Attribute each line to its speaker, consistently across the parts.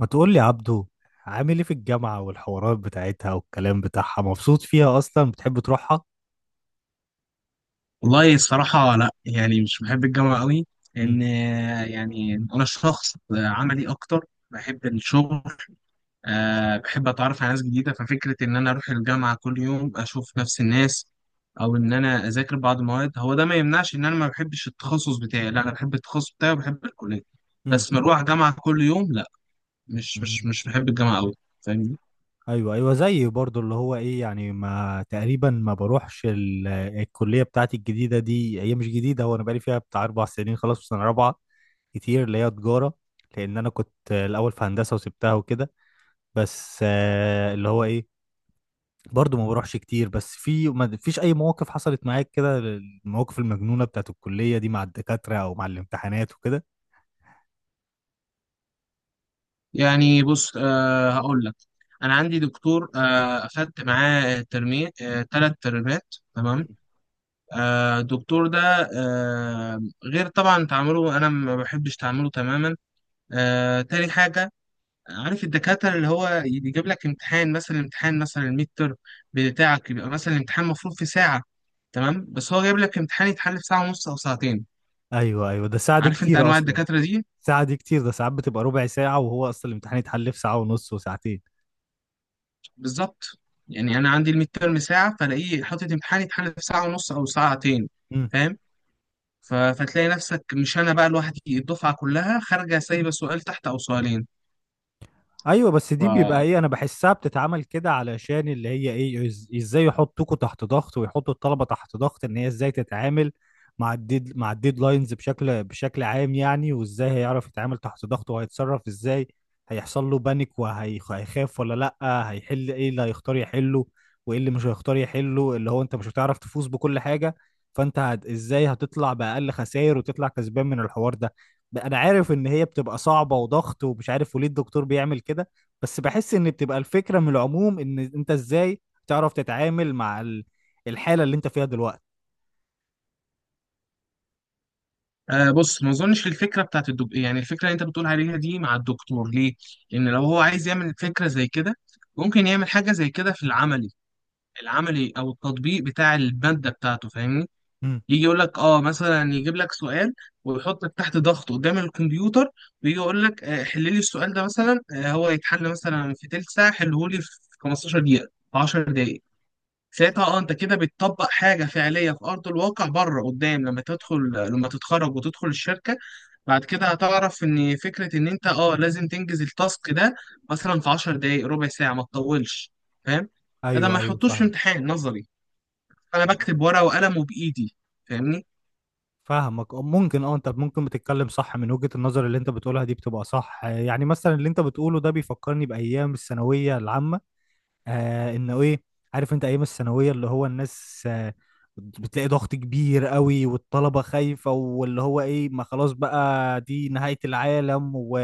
Speaker 1: ما تقول لي عبدو، عامل ايه في الجامعة والحوارات بتاعتها والكلام بتاعها؟ مبسوط فيها اصلا؟ بتحب تروحها؟
Speaker 2: والله الصراحة لا، مش بحب الجامعة قوي لأن
Speaker 1: امم.
Speaker 2: يعني أنا شخص عملي أكتر. بحب الشغل. أه، بحب أتعرف على ناس جديدة. ففكرة إن أنا أروح الجامعة كل يوم أشوف نفس الناس أو إن أنا أذاكر بعض المواد، هو ده ما يمنعش إن أنا ما بحبش التخصص بتاعي. لا، أنا بحب التخصص بتاعي وبحب الكلية،
Speaker 1: امم.
Speaker 2: بس مروح جامعة كل يوم لا. مش مش
Speaker 1: امم.
Speaker 2: مش بحب الجامعة قوي.
Speaker 1: ايوه، ايوه، زيي برضو اللي هو ايه يعني ما تقريبا ما بروحش الكلية بتاعتي الجديدة. دي هي مش جديدة، هو انا بقالي فيها بتاع 4 سنين، خلاص في سنة رابعة كتير اللي هي تجارة. لان انا كنت الاول في هندسة وسبتها وكده. بس آه، اللي هو ايه برضو ما بروحش كتير. بس في ما فيش اي مواقف حصلت معاك كده، المواقف المجنونة بتاعت الكلية دي مع الدكاترة او مع الامتحانات وكده؟
Speaker 2: يعني بص، هقول لك. انا عندي دكتور، اخدت معاه ترمي، ثلاث ترمات، تمام. الدكتور ده، غير طبعا تعامله، انا ما بحبش تعامله تماما. تاني حاجه، عارف الدكاتره اللي هو يجيب لك امتحان مثلا، امتحان مثلا الميد ترم بتاعك، يبقى مثلا الامتحان المفروض في ساعه، تمام، بس هو جايب لك امتحان يتحل في ساعه ونص او ساعتين.
Speaker 1: ايوه، ايوه، ده ساعة دي
Speaker 2: عارف انت
Speaker 1: كتير
Speaker 2: انواع
Speaker 1: اصلا.
Speaker 2: الدكاتره دي؟
Speaker 1: ساعة دي كتير، ده ساعات بتبقى ربع ساعة وهو اصلا الامتحان يتحل في ساعة ونص وساعتين.
Speaker 2: بالظبط، يعني انا عندي الميد تيرم ساعه، فلاقيه حاطط امتحان يتحل في ساعه ونص او ساعتين، فاهم؟ ف- فتلاقي نفسك مش انا بقى لوحدي، الدفعه كلها خارجه سايبه سؤال تحت او سؤالين.
Speaker 1: ايوه. بس
Speaker 2: ف
Speaker 1: دي بيبقى ايه، انا بحسها بتتعمل كده علشان اللي هي ايه ازاي يحطوكوا تحت ضغط ويحطوا الطلبه تحت ضغط ان هي ازاي تتعامل مع الديد مع الديدلاينز بشكل عام يعني، وازاي هيعرف يتعامل تحت ضغط، وهيتصرف ازاي، هيحصل له بانيك وهيخاف ولا لا، هيحل ايه، اللي هيختار يحله وايه اللي مش هيختار يحله، اللي هو انت مش هتعرف تفوز بكل حاجه. فانت ازاي هتطلع باقل خسائر وتطلع كسبان من الحوار ده. انا عارف ان هي بتبقى صعبة وضغط ومش عارف وليه الدكتور بيعمل كده، بس بحس ان بتبقى الفكرة من العموم ان انت ازاي تعرف تتعامل مع الحالة اللي انت فيها دلوقتي.
Speaker 2: آه بص، ما اظنش الفكره بتاعت الدكتور، يعني الفكره اللي انت بتقول عليها دي مع الدكتور، ليه؟ لان لو هو عايز يعمل فكره زي كده، ممكن يعمل حاجه زي كده في العملي، العملي او التطبيق بتاع الماده بتاعته، فاهمني؟
Speaker 1: امم.
Speaker 2: يجي يقول لك اه مثلا، يجيب لك سؤال ويحطك تحت ضغط قدام الكمبيوتر، ويجي يقول لك آه، حل لي السؤال ده مثلا، آه، هو يتحل مثلا في تلت ساعه، حله لي في 15 دقيقه، في 10 دقائق. ساعتها اه انت كده بتطبق حاجه فعليه في ارض الواقع بره قدام. لما تدخل، لما تتخرج وتدخل الشركه بعد كده، هتعرف ان فكره ان انت اه لازم تنجز التاسك ده مثلا في 10 دقائق، ربع ساعه، ما تطولش، فاهم؟ ده
Speaker 1: ايوه،
Speaker 2: ما
Speaker 1: ايوه،
Speaker 2: يحطوش في
Speaker 1: فاهم.
Speaker 2: امتحان نظري انا بكتب ورقه وقلم وبايدي، فاهمني؟
Speaker 1: فاهمك. أه، ممكن، انت ممكن بتتكلم صح من وجهة النظر اللي انت بتقولها دي بتبقى صح. يعني مثلا اللي انت بتقوله ده بيفكرني بأيام الثانوية العامة. آه، انه ايه، عارف انت ايام الثانويه اللي هو الناس آه، بتلاقي ضغط كبير قوي والطلبه خايفه واللي هو ايه، ما خلاص بقى دي نهايه العالم،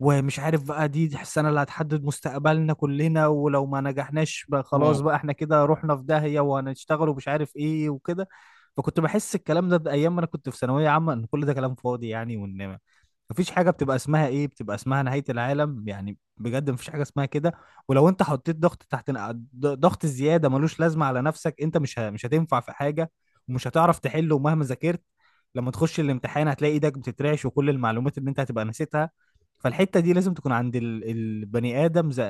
Speaker 1: ومش عارف بقى دي السنه اللي هتحدد مستقبلنا كلنا، ولو ما نجحناش بقى خلاص بقى احنا كده رحنا في داهيه وهنشتغل ومش عارف ايه وكده. فكنت بحس الكلام ده ايام ما انا كنت في ثانويه عامه ان كل ده كلام فاضي يعني، وان مفيش حاجة بتبقى اسمها ايه، بتبقى اسمها نهاية العالم. يعني بجد مفيش حاجة اسمها كده. ولو انت حطيت ضغط تحت ضغط زيادة ملوش لازمة على نفسك انت مش هتنفع في حاجة ومش هتعرف تحله، ومهما ذاكرت لما تخش الامتحان هتلاقي ايدك بتترعش وكل المعلومات اللي انت هتبقى نسيتها. فالحتة دي لازم تكون عند البني آدم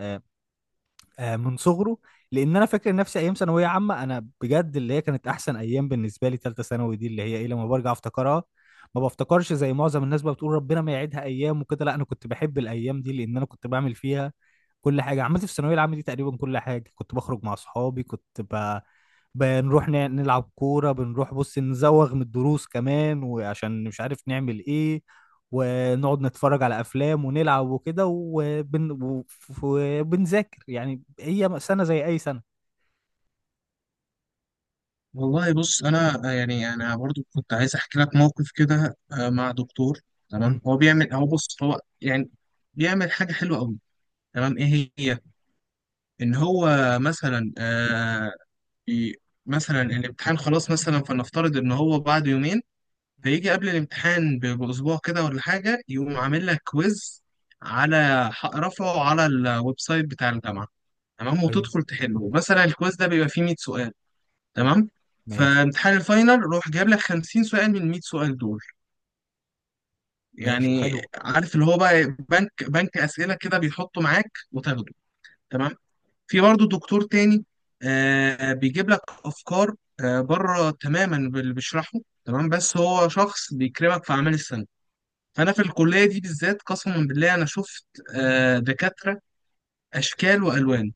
Speaker 1: آه، من صغره. لان انا فاكر نفسي ايام ثانويه عامه انا بجد اللي هي كانت احسن ايام بالنسبه لي، ثالثه ثانوي دي اللي هي ايه لما برجع افتكرها ما بفتكرش زي معظم الناس بقى بتقول ربنا ما يعيدها ايام وكده. لا انا كنت بحب الايام دي، لان انا كنت بعمل فيها كل حاجه. عملت في الثانويه العامه دي تقريبا كل حاجه. كنت بخرج مع اصحابي، كنت بنروح نلعب كوره، بنروح بص نزوغ من الدروس كمان، وعشان مش عارف نعمل ايه ونقعد نتفرج على افلام ونلعب وكده، وبنذاكر. يعني هي سنه زي اي سنه.
Speaker 2: والله بص، انا آه، يعني انا برضو كنت عايز احكي لك موقف كده، آه، مع دكتور.
Speaker 1: مم.
Speaker 2: تمام، هو بيعمل، هو بص، هو يعني بيعمل حاجه حلوه قوي. تمام، ايه هي؟ ان هو مثلا آه، بي، مثلا الامتحان خلاص مثلا، فلنفترض ان هو بعد يومين، فيجي قبل الامتحان ب- باسبوع كده ولا حاجه، يقوم عامل لك كويز على رفعه على الويب سايت بتاع الجامعه. تمام،
Speaker 1: ايوه.
Speaker 2: وتدخل تحله مثلا، الكويز ده بيبقى فيه 100 سؤال. تمام،
Speaker 1: ماشي.
Speaker 2: فامتحان الفاينل روح جايب لك 50 سؤال من 100 سؤال دول،
Speaker 1: ماشي
Speaker 2: يعني.
Speaker 1: حلو.
Speaker 2: عارف اللي هو بقى بنك اسئله كده بيحطه معاك وتاخده، تمام. في برضه دكتور تاني، آه بيجيب لك افكار آه بره تماما باللي بيشرحه، تمام، بس هو شخص بيكرمك في اعمال السنه. فانا في الكليه دي بالذات، قسما بالله انا شفت آه دكاتره اشكال والوان،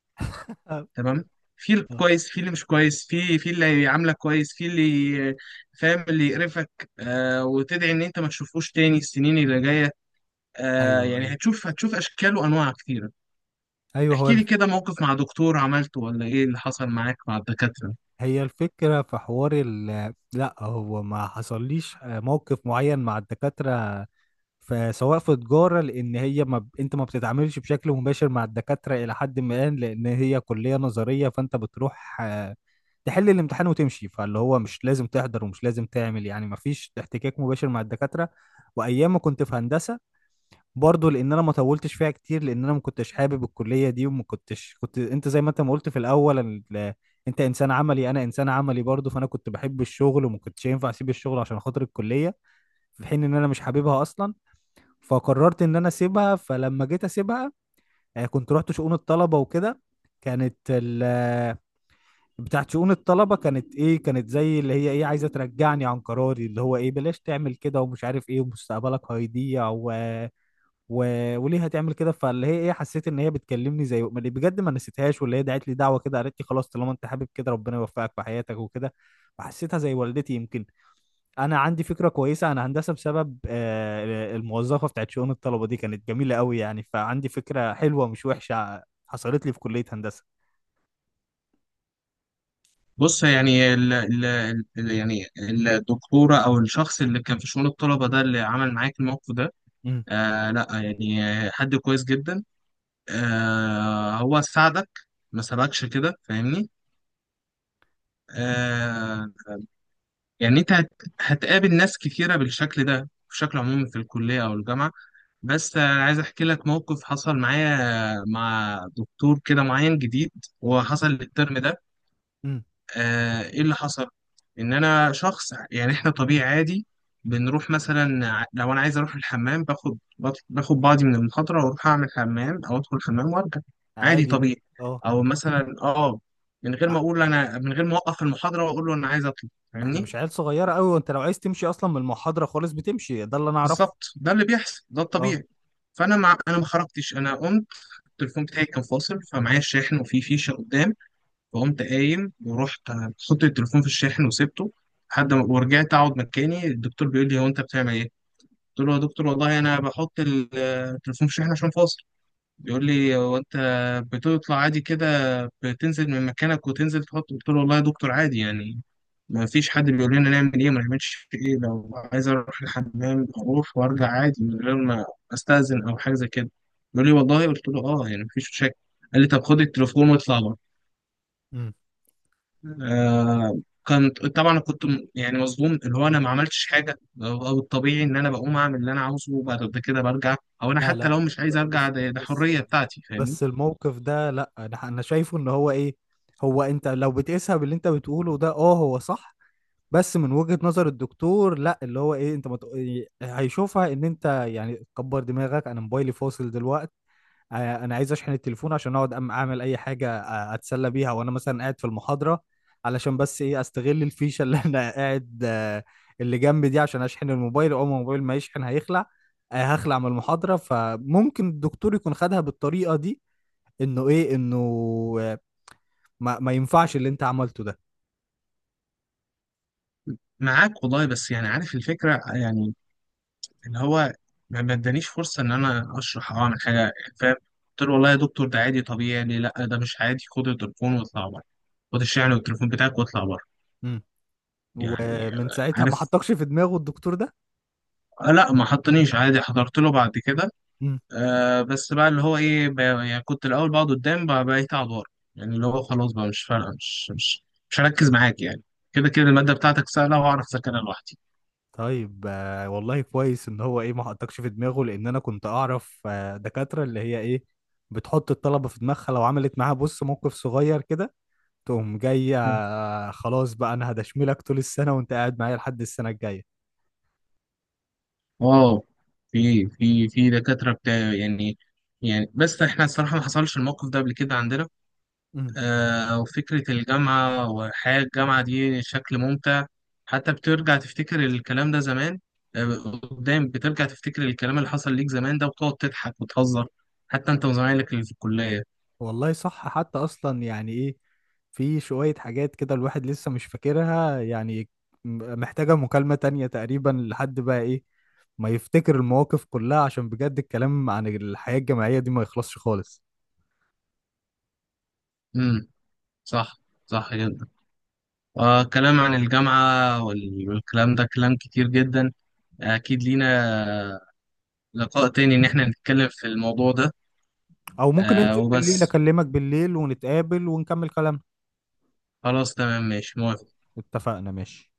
Speaker 1: آه.
Speaker 2: تمام. في
Speaker 1: آه.
Speaker 2: الكويس، في اللي مش كويس، في في اللي عاملك كويس، في اللي فاهم اللي يقرفك، آه، وتدعي ان انت ما تشوفوش تاني السنين اللي جايه. آه،
Speaker 1: ايوه،
Speaker 2: يعني
Speaker 1: ايوه.
Speaker 2: هتشوف، هتشوف اشكال وانواع كتيره.
Speaker 1: ايوه هو
Speaker 2: احكي لي كده موقف مع دكتور عملته، ولا ايه اللي حصل معاك مع الدكاتره؟
Speaker 1: هي الفكره في حوار لا هو ما حصليش آه، موقف معين مع الدكاتره. فسواء في تجارة، لأن هي ما ب... أنت ما بتتعاملش بشكل مباشر مع الدكاترة إلى حد ما، لأن هي كلية نظرية. فأنت بتروح آه، تحل الامتحان وتمشي. فاللي هو مش لازم تحضر ومش لازم تعمل، يعني ما فيش احتكاك مباشر مع الدكاترة. وأيام ما كنت في هندسة برضه، لأن أنا ما طولتش فيها كتير، لأن أنا ما كنتش حابب الكلية دي وما كنتش. كنت أنت زي ما أنت ما قلت في الأول أنت إنسان عملي، أنا إنسان عملي برضه، فأنا كنت بحب الشغل وما كنتش ينفع أسيب الشغل عشان خاطر الكلية في حين إن أنا مش حاببها أصلا. فقررت ان انا اسيبها. فلما جيت اسيبها آه، كنت رحت شؤون الطلبه وكده. كانت ال بتاعت شؤون الطلبه كانت ايه، كانت زي اللي هي ايه عايزه ترجعني عن قراري اللي هو ايه، بلاش تعمل كده ومش عارف ايه ومستقبلك هيضيع و... وليه هتعمل كده. فاللي هي ايه حسيت ان هي بتكلمني زي بجد ما نسيتهاش، واللي هي دعت لي دعوه كده، قالت لي خلاص طالما انت حابب كده ربنا يوفقك في حياتك وكده. فحسيتها زي والدتي يمكن. انا عندي فكره كويسه عن هندسه بسبب آه، الموظفه بتاعت شؤون الطلبه دي كانت جميله قوي يعني، فعندي فكره حلوه مش وحشه حصلت لي في كليه هندسه.
Speaker 2: بص، يعني ال ال ال يعني الدكتوره او الشخص اللي كان في شؤون الطلبه ده، اللي عمل معاك الموقف ده،
Speaker 1: امم.
Speaker 2: آه، لا يعني حد كويس جدا، آه، هو ساعدك، ما سابكش كده، فاهمني؟ آه، يعني هتقابل ناس كتيرة بالشكل ده بشكل عمومي في الكلية او الجامعة. بس آه، عايز احكي لك موقف حصل معايا مع دكتور كده معين جديد، وحصل الترم ده.
Speaker 1: امم.
Speaker 2: آه، ايه اللي حصل؟ ان انا شخص، يعني احنا طبيعي عادي، بنروح مثلا لو انا عايز اروح الحمام باخد باخد بعضي من المحاضره واروح اعمل حمام او ادخل الحمام وارجع، عادي
Speaker 1: عادي.
Speaker 2: طبيعي.
Speaker 1: اه.
Speaker 2: او مثلا اه من غير
Speaker 1: ع-
Speaker 2: ما اقول، انا من غير ما اوقف المحاضره واقول له انا عايز اطلع،
Speaker 1: احنا
Speaker 2: فاهمني؟
Speaker 1: مش عيال صغيره قوي، وانت لو عايز تمشي اصلا من المحاضره خالص بتمشي. ده اللي انا اعرفه.
Speaker 2: بالظبط ده اللي بيحصل، ده
Speaker 1: اه.
Speaker 2: الطبيعي. انا ما خرجتش، انا قمت، التليفون بتاعي كان فاصل فمعايا الشاحن وفي فيشه قدام، فقمت قايم ورحت حطيت التليفون في الشاحن وسبته
Speaker 1: مم.
Speaker 2: لحد ما، ورجعت اقعد مكاني. الدكتور بيقول لي هو انت بتعمل ايه؟ قلت له يا دكتور والله انا بحط التليفون في الشاحن عشان فاصل. بيقول لي هو انت بتطلع عادي كده؟ بتنزل من مكانك وتنزل تحط؟ قلت له والله يا دكتور عادي يعني، ما فيش حد بيقول لنا نعمل ايه ما نعملش ايه، لو عايز اروح الحمام اروح وارجع عادي من غير ما استاذن او حاجه زي كده. بيقول لي والله؟ قلت له اه، يعني مفيش مشاكل. قال لي طب خد التليفون واطلع بره.
Speaker 1: امم.
Speaker 2: آه، كنت طبعا كنت يعني مصدوم، اللي هو انا ما عملتش حاجه، او أو الطبيعي ان انا بقوم اعمل اللي انا عاوزه وبعد كده برجع، او انا
Speaker 1: لا،
Speaker 2: حتى
Speaker 1: لا.
Speaker 2: لو مش عايز ارجع،
Speaker 1: بس
Speaker 2: ده
Speaker 1: بس
Speaker 2: حريه بتاعتي، فاهمني؟
Speaker 1: بس الموقف ده لا، انا شايفه ان هو ايه، هو انت لو بتقيسها باللي انت بتقوله ده اه هو صح. بس من وجهة نظر الدكتور لا، اللي هو ايه انت هيشوفها ان انت يعني كبر دماغك. انا موبايلي فاصل دلوقتي آه، انا عايز اشحن التليفون عشان اقعد اعمل اي حاجة آه، اتسلى بيها وانا مثلا قاعد في المحاضرة، علشان بس ايه استغل الفيشة اللي انا قاعد آه، اللي جنبي دي عشان اشحن الموبايل. اول ما الموبايل ما يشحن هيخلع آه، هخلع من المحاضرة. فممكن الدكتور يكون خدها بالطريقة دي، انه آه، ما ينفعش اللي انت عملته ده.
Speaker 2: معاك والله، بس يعني عارف الفكره، يعني اللي هو ما ادانيش فرصه ان انا اشرح او اعمل حاجه، فاهم؟ قلت له والله يا دكتور ده عادي طبيعي، ليه؟ لا ده مش عادي، خد التليفون واطلع بره، خد الشحن والتليفون بتاعك واطلع بره.
Speaker 1: مم.
Speaker 2: يعني
Speaker 1: ومن
Speaker 2: آه،
Speaker 1: ساعتها ما
Speaker 2: عارف.
Speaker 1: حطكش في دماغه الدكتور ده؟
Speaker 2: آه، لا ما حطنيش، عادي حضرت له بعد كده.
Speaker 1: مم.
Speaker 2: آه، بس بقى اللي هو ايه، يعني كنت الاول بقعد قدام، بقى بقيت اقعد ورا. يعني اللي هو خلاص بقى مش فارقه، مش هركز معاك يعني، كده كده الماده بتاعتك سهله وهعرف اذاكرها لوحدي.
Speaker 1: طيب آه، والله كويس ان هو ايه ما حطكش في دماغه، لان انا كنت اعرف آه، دكاتره اللي هي ايه بتحط الطلبه في دماغها. لو عملت معاها بص موقف صغير كده تقوم جايه
Speaker 2: مم.
Speaker 1: آه، خلاص بقى انا هدشملك طول السنه وانت قاعد معايا لحد السنه الجايه.
Speaker 2: اه، في دكاتره بتاع يعني، يعني بس احنا الصراحه ما حصلش الموقف ده قبل كده عندنا.
Speaker 1: مم.
Speaker 2: آه، وفكرة الجامعة وحياة الجامعة دي شكل ممتع، حتى بترجع تفتكر الكلام ده زمان،
Speaker 1: مم.
Speaker 2: آه، قدام بترجع تفتكر الكلام اللي حصل ليك زمان ده وتقعد تضحك وتهزر حتى انت وزمايلك اللي في الكلية.
Speaker 1: والله صح. حتى اصلا يعني ايه في شويه حاجات كده الواحد لسه مش فاكرها يعني، محتاجه مكالمه تانية تقريبا لحد بقى ايه ما يفتكر المواقف كلها، عشان بجد الكلام عن الحياه الجامعيه دي ما يخلصش خالص.
Speaker 2: امم، صح، صح جدا. آه، كلام عن الجامعة والكلام ده كلام كتير جدا، أكيد لينا لقاء تاني إن احنا نتكلم في الموضوع ده.
Speaker 1: او ممكن
Speaker 2: آه،
Speaker 1: ننزل بالليل،
Speaker 2: وبس،
Speaker 1: اكلمك بالليل ونتقابل ونكمل كلامنا.
Speaker 2: خلاص تمام، ماشي، موافق.
Speaker 1: اتفقنا ماشي.